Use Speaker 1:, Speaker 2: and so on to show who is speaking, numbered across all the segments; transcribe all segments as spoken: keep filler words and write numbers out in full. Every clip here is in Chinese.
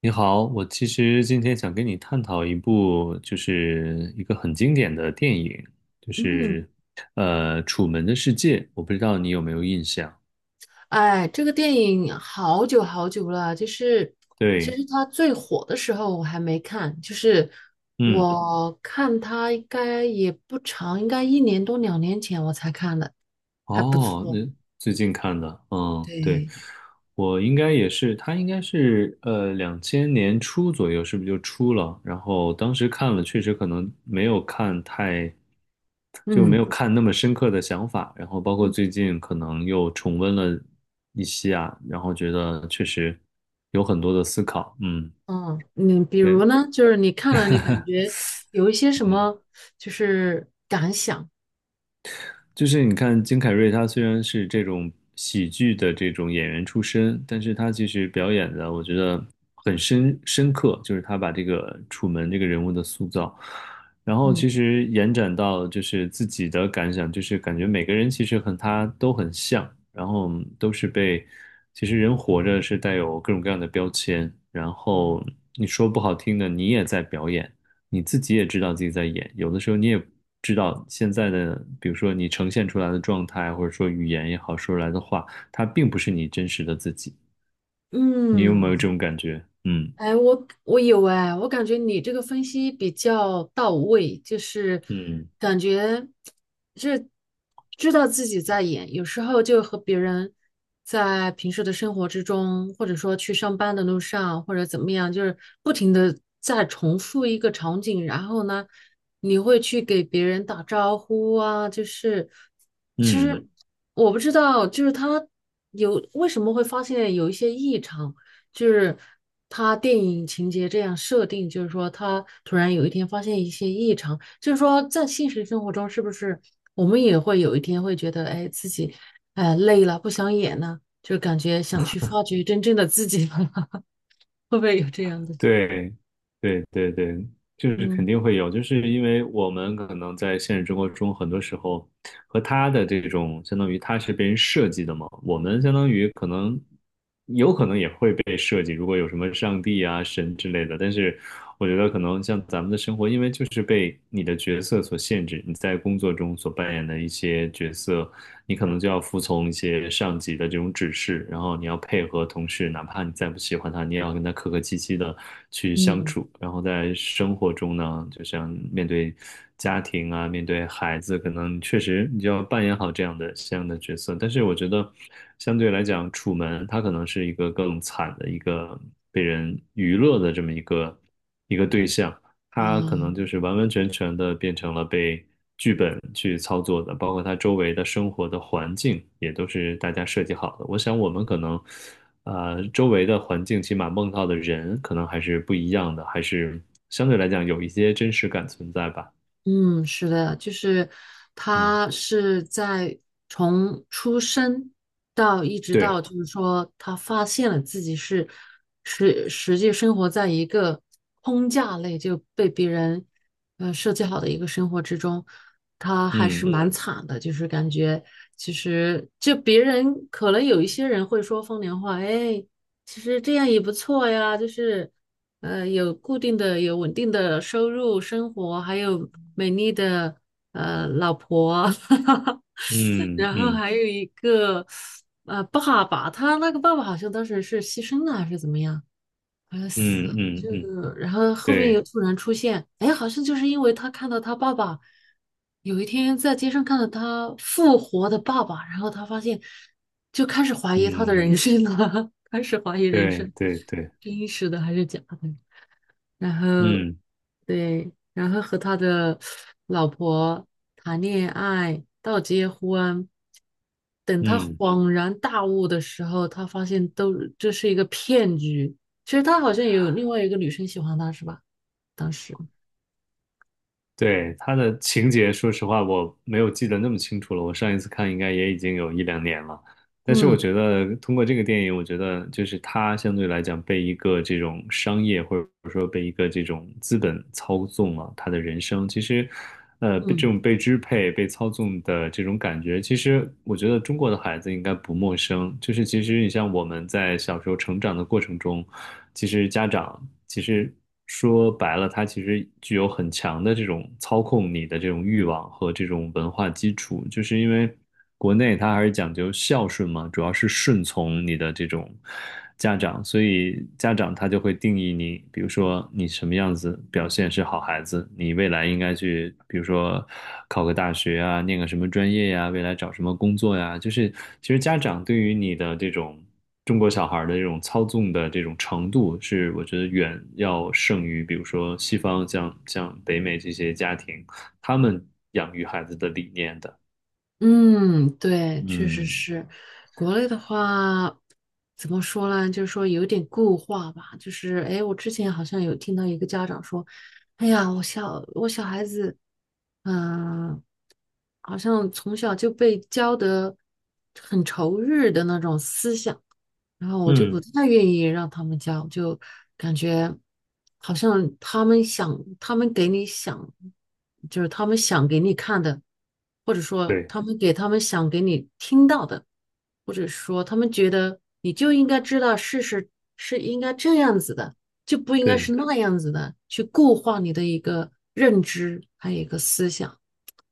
Speaker 1: 你好，我其实今天想跟你探讨一部，就是一个很经典的电影，就
Speaker 2: 嗯。
Speaker 1: 是呃《楚门的世界》，我不知道你有没有印象？
Speaker 2: 哎，这个电影好久好久了，就是其
Speaker 1: 对，
Speaker 2: 实它最火的时候我还没看，就是
Speaker 1: 嗯。
Speaker 2: 我看它应该也不长，应该一年多两年前我才看的，还不
Speaker 1: 哦，那
Speaker 2: 错。
Speaker 1: 最近看的，嗯，对，
Speaker 2: 对。
Speaker 1: 我应该也是，他应该是呃两千年初左右，是不是就出了？然后当时看了，确实可能没有看太，就没
Speaker 2: 嗯
Speaker 1: 有看那么深刻的想法。然后包括
Speaker 2: 嗯
Speaker 1: 最近可能又重温了一些啊，然后觉得确实有很多的思考。嗯，
Speaker 2: 嗯，你比如
Speaker 1: 对，
Speaker 2: 呢，就是你看了你感觉有一些什
Speaker 1: 嗯。
Speaker 2: 么，就是感想？
Speaker 1: 就是你看金凯瑞，他虽然是这种喜剧的这种演员出身，但是他其实表演的我觉得很深深刻，就是他把这个楚门这个人物的塑造，然后
Speaker 2: 嗯
Speaker 1: 其实延展到就是自己的感想，就是感觉每个人其实和他都很像，然后都是被，其实人活着是带有各种各样的标签，然后你说不好听的，你也在表演。你自己也知道自己在演，有的时候你也知道现在的，比如说你呈现出来的状态，或者说语言也好，说出来的话，它并不是你真实的自己。你有没有
Speaker 2: 嗯，
Speaker 1: 这种感觉？嗯
Speaker 2: 哎，我我有哎，我感觉你这个分析比较到位，就是
Speaker 1: 嗯
Speaker 2: 感觉是知道自己在演，有时候就和别人在平时的生活之中，或者说去上班的路上，或者怎么样，就是不停的在重复一个场景，然后呢，你会去给别人打招呼啊，就是其
Speaker 1: 嗯。
Speaker 2: 实我不知道，就是他有为什么会发现有一些异常。就是他电影情节这样设定，就是说他突然有一天发现一些异常，就是说在现实生活中是不是我们也会有一天会觉得，哎，自己哎累了，不想演了，就感觉想去发掘真正的自己了，会不会有这样的？
Speaker 1: 对，对对对，就是肯
Speaker 2: 嗯。
Speaker 1: 定会有，就是因为我们可能在现实生活中，很多时候和他的这种，相当于他是被人设计的嘛，我们相当于可能有可能也会被设计，如果有什么上帝啊、神之类的，但是我觉得可能像咱们的生活，因为就是被你的角色所限制，你在工作中所扮演的一些角色。你可能就要服从一些上级的这种指示，然后你要配合同事，哪怕你再不喜欢他，你也要跟他客客气气的去相
Speaker 2: 嗯
Speaker 1: 处。然后在生活中呢，就像面对家庭啊，面对孩子，可能确实你就要扮演好这样的这样的角色。但是我觉得，相对来讲，楚门他可能是一个更惨的一个被人娱乐的这么一个一个对象。它可能
Speaker 2: 嗯啊。
Speaker 1: 就是完完全全的变成了被剧本去操作的，包括它周围的生活的环境也都是大家设计好的。我想我们可能，呃，周围的环境起码梦到的人可能还是不一样的，还是相对来讲有一些真实感存在吧。
Speaker 2: 嗯，是的，就是
Speaker 1: 嗯，
Speaker 2: 他是在从出生到一直到，
Speaker 1: 对，
Speaker 2: 就是说他发现了自己是实实际生活在一个框架内，就被别人呃设计好的一个生活之中，他还是
Speaker 1: 嗯
Speaker 2: 蛮惨的，就是感觉其实就别人可能有一些人会说风凉话，哎，其实这样也不错呀，就是，呃，有固定的、有稳定的收入、生活，还有美丽的呃老婆，
Speaker 1: 嗯
Speaker 2: 然后
Speaker 1: 嗯
Speaker 2: 还有一个呃爸爸，他那个爸爸好像当时是牺牲了还是怎么样？快要死
Speaker 1: 嗯
Speaker 2: 了，就
Speaker 1: 嗯嗯，
Speaker 2: 然后后面又
Speaker 1: 对，
Speaker 2: 突然出现，哎，好像就是因为他看到他爸爸有一天在街上看到他复活的爸爸，然后他发现就开始怀疑他的
Speaker 1: 嗯
Speaker 2: 人生了，开始怀疑人
Speaker 1: 对
Speaker 2: 生
Speaker 1: 对对，
Speaker 2: 真实的还是假的。然后
Speaker 1: 嗯
Speaker 2: 对，然后和他的老婆谈恋爱到结婚，等他
Speaker 1: 嗯。
Speaker 2: 恍然大悟的时候，他发现都这是一个骗局。其实他好像有另外一个女生喜欢他，是吧？当时，
Speaker 1: 对，他的情节，说实话，我没有记得那么清楚了。我上一次看应该也已经有一两年了。但是我
Speaker 2: 嗯
Speaker 1: 觉得通过这个电影，我觉得就是他相对来讲被一个这种商业或者说被一个这种资本操纵了他的人生。其实，呃，被这种
Speaker 2: 嗯。
Speaker 1: 被支配、被操纵的这种感觉，其实我觉得中国的孩子应该不陌生。就是其实你像我们在小时候成长的过程中。其实家长其实说白了，他其实具有很强的这种操控你的这种欲望和这种文化基础，就是因为国内它还是讲究孝顺嘛，主要是顺从你的这种家长，所以家长他就会定义你，比如说你什么样子表现是好孩子，你未来应该去，比如说考个大学啊，念个什么专业呀，未来找什么工作呀，就是其实家长对于你的这种。中国小孩的这种操纵的这种程度，是我觉得远要胜于，比如说西方像像北美这些家庭，他们养育孩子的理念的。
Speaker 2: 嗯，对，确实
Speaker 1: 嗯
Speaker 2: 是。国内的话，怎么说呢？就是说有点固化吧。就是，哎，我之前好像有听到一个家长说，哎呀，我小我小孩子，嗯、好像从小就被教得很仇日的那种思想。然后我就不
Speaker 1: 嗯，
Speaker 2: 太愿意让他们教，就感觉好像他们想，他们给你想，就是他们想给你看的，或者说
Speaker 1: 对
Speaker 2: 他们给他们想给你听到的，或者说他们觉得你就应该知道事实是应该这样子的，就不应该
Speaker 1: 对，
Speaker 2: 是那样子的，去固化你的一个认知，还有一个思想。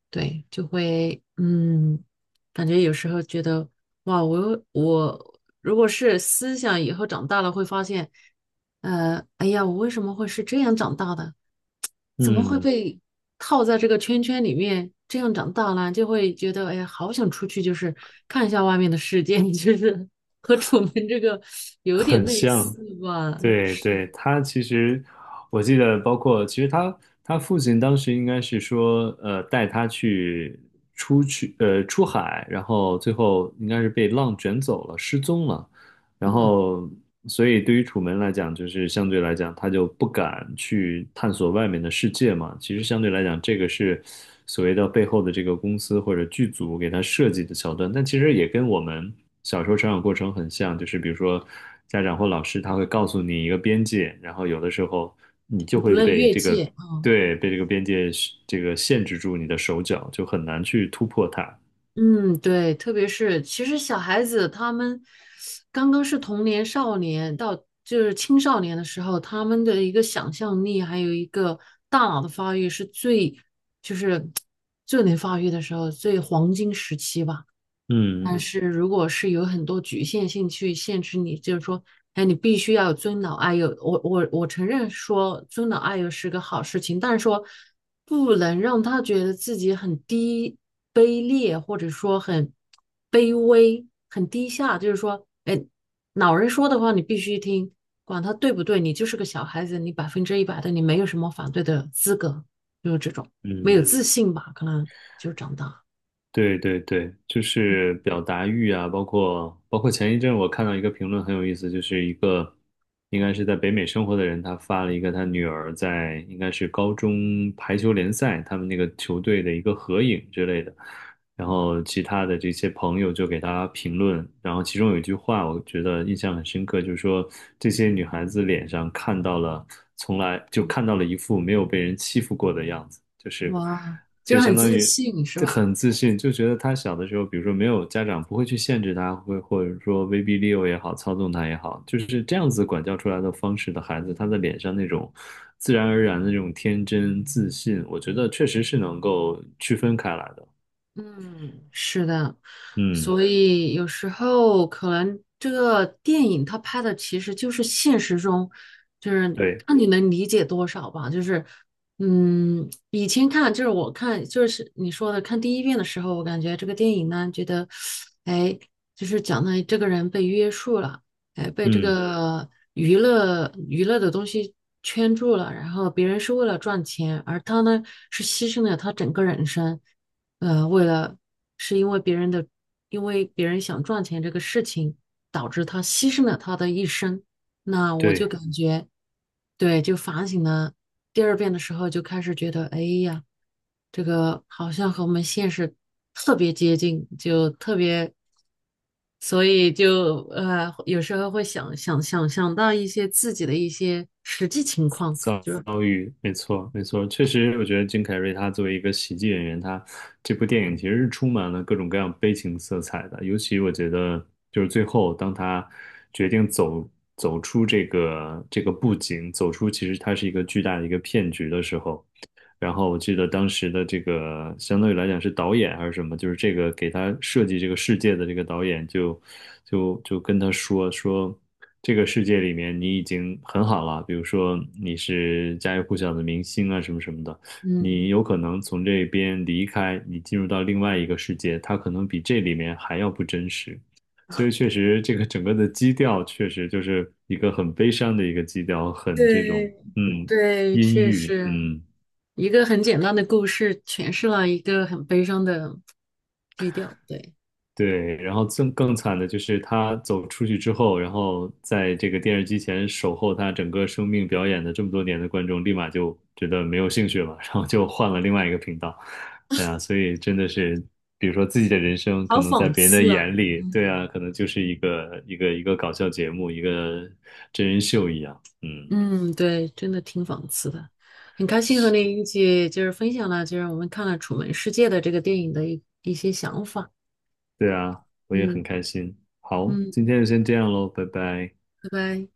Speaker 2: 对，就会嗯，感觉有时候觉得哇，我又我如果是思想以后长大了会发现，呃，哎呀，我为什么会是这样长大的？怎么会
Speaker 1: 嗯，
Speaker 2: 被套在这个圈圈里面这样长大呢？就会觉得哎呀，好想出去，就是看一下外面的世界，就是和楚门这个有点
Speaker 1: 很
Speaker 2: 类似
Speaker 1: 像。
Speaker 2: 吧。哎。
Speaker 1: 对对，他其实我记得，包括其实他他父亲当时应该是说，呃，带他去出去呃出海，然后最后应该是被浪卷走了，失踪了。然
Speaker 2: 嗯，
Speaker 1: 后，所以对于楚门来讲，就是相对来讲，他就不敢去探索外面的世界嘛。其实相对来讲，这个是所谓的背后的这个公司或者剧组给他设计的桥段，但其实也跟我们小时候成长过程很像，就是比如说家长或老师他会告诉你一个边界，然后有的时候你
Speaker 2: 你
Speaker 1: 就
Speaker 2: 不
Speaker 1: 会
Speaker 2: 论
Speaker 1: 被
Speaker 2: 越
Speaker 1: 这个，
Speaker 2: 界啊。
Speaker 1: 对，被这个边界这个限制住你的手脚，就很难去突破它。
Speaker 2: 嗯，对，特别是其实小孩子他们刚刚是童年、少年到就是青少年的时候，他们的一个想象力还有一个大脑的发育是最就是 最能发育的时候，最黄金时期吧。但
Speaker 1: 嗯
Speaker 2: 是如果是有很多局限性去限制你，就是说，哎，你必须要有尊老爱幼。我我我承认说尊老爱幼是个好事情，但是说不能让他觉得自己很低卑劣，或者说很卑微、很低下。就是说，哎，老人说的话你必须听，管他对不对，你就是个小孩子，你百分之一百的你没有什么反对的资格，就是这种没有
Speaker 1: 嗯。
Speaker 2: 自信吧，可能就长大。
Speaker 1: 对对对，就是表达欲啊，包括包括前一阵我看到一个评论很有意思，就是一个应该是在北美生活的人，他发了一个他女儿在应该是高中排球联赛他们那个球队的一个合影之类的，然后其他的这些朋友就给他评论，然后其中有一句话我觉得印象很深刻，就是说这些女孩子脸上看到了从来就看到了一副没有被人欺负过的样子，就是。
Speaker 2: 哇，
Speaker 1: 就
Speaker 2: 就
Speaker 1: 相
Speaker 2: 很
Speaker 1: 当
Speaker 2: 自
Speaker 1: 于
Speaker 2: 信是
Speaker 1: 就
Speaker 2: 吧？
Speaker 1: 很自信，就觉得他小的时候，比如说没有家长不会去限制他，会或者说威逼利诱也好，操纵他也好，就是这样子管教出来的方式的孩子，他的脸上那种自然而然的那种天真自信，我觉得确实是能够区分开来的。
Speaker 2: 嗯，是的。
Speaker 1: 嗯，
Speaker 2: 所以有时候可能这个电影它拍的其实就是现实中，就是
Speaker 1: 对，
Speaker 2: 看你能理解多少吧。就是，嗯，以前看就是我看就是你说的看第一遍的时候，我感觉这个电影呢，觉得，哎，就是讲的这个人被约束了，哎，被这
Speaker 1: 嗯，
Speaker 2: 个娱乐娱乐的东西圈住了，然后别人是为了赚钱，而他呢是牺牲了他整个人生。呃，为了是因为别人的，因为别人想赚钱这个事情，导致他牺牲了他的一生。那我就
Speaker 1: 对。
Speaker 2: 感觉，对，就反省了第二遍的时候，就开始觉得，哎呀，这个好像和我们现实特别接近，就特别，所以就呃，有时候会想想想想到一些自己的一些实际情况，
Speaker 1: 遭
Speaker 2: 就是
Speaker 1: 遭遇，没错，没错，确实，我觉得金凯瑞他作为一个喜剧演员，他这部电影其实是充满了各种各样悲情色彩的。尤其我觉得，就是最后当他决定走走出这个这个布景，走出其实它是一个巨大的一个骗局的时候，然后我记得当时的这个相当于来讲是导演还是什么，就是这个给他设计这个世界的这个导演就就就跟他说说这个世界里面你已经很好了，比如说你是家喻户晓的明星啊什么什么的，你
Speaker 2: 嗯，
Speaker 1: 有可能从这边离开，你进入到另外一个世界，它可能比这里面还要不真实。所以确实，这个整个的基调确实就是一个很悲伤的一个基调，很这种
Speaker 2: 对
Speaker 1: 嗯
Speaker 2: 对，
Speaker 1: 阴
Speaker 2: 确
Speaker 1: 郁，
Speaker 2: 实。
Speaker 1: 嗯。
Speaker 2: 一个很简单的故事诠释了一个很悲伤的基调，对，
Speaker 1: 对，然后更更惨的就是他走出去之后，然后在这个电视机前守候他整个生命表演的这么多年的观众，立马就觉得没有兴趣了，然后就换了另外一个频道。哎呀，所以真的是，比如说自己的人生，可
Speaker 2: 好
Speaker 1: 能在
Speaker 2: 讽
Speaker 1: 别人的
Speaker 2: 刺啊！
Speaker 1: 眼里，
Speaker 2: 嗯
Speaker 1: 对啊，可能就是一个一个一个搞笑节目，一个真人秀一样。嗯，
Speaker 2: 嗯，对，真的挺讽刺的。很开心和你一起就是分享了，就是我们看了《楚门世界》的这个电影的一一些想法。
Speaker 1: 对啊，我也很
Speaker 2: 嗯。
Speaker 1: 开心。好，
Speaker 2: 嗯，
Speaker 1: 今天就先这样喽，拜拜。
Speaker 2: 拜拜。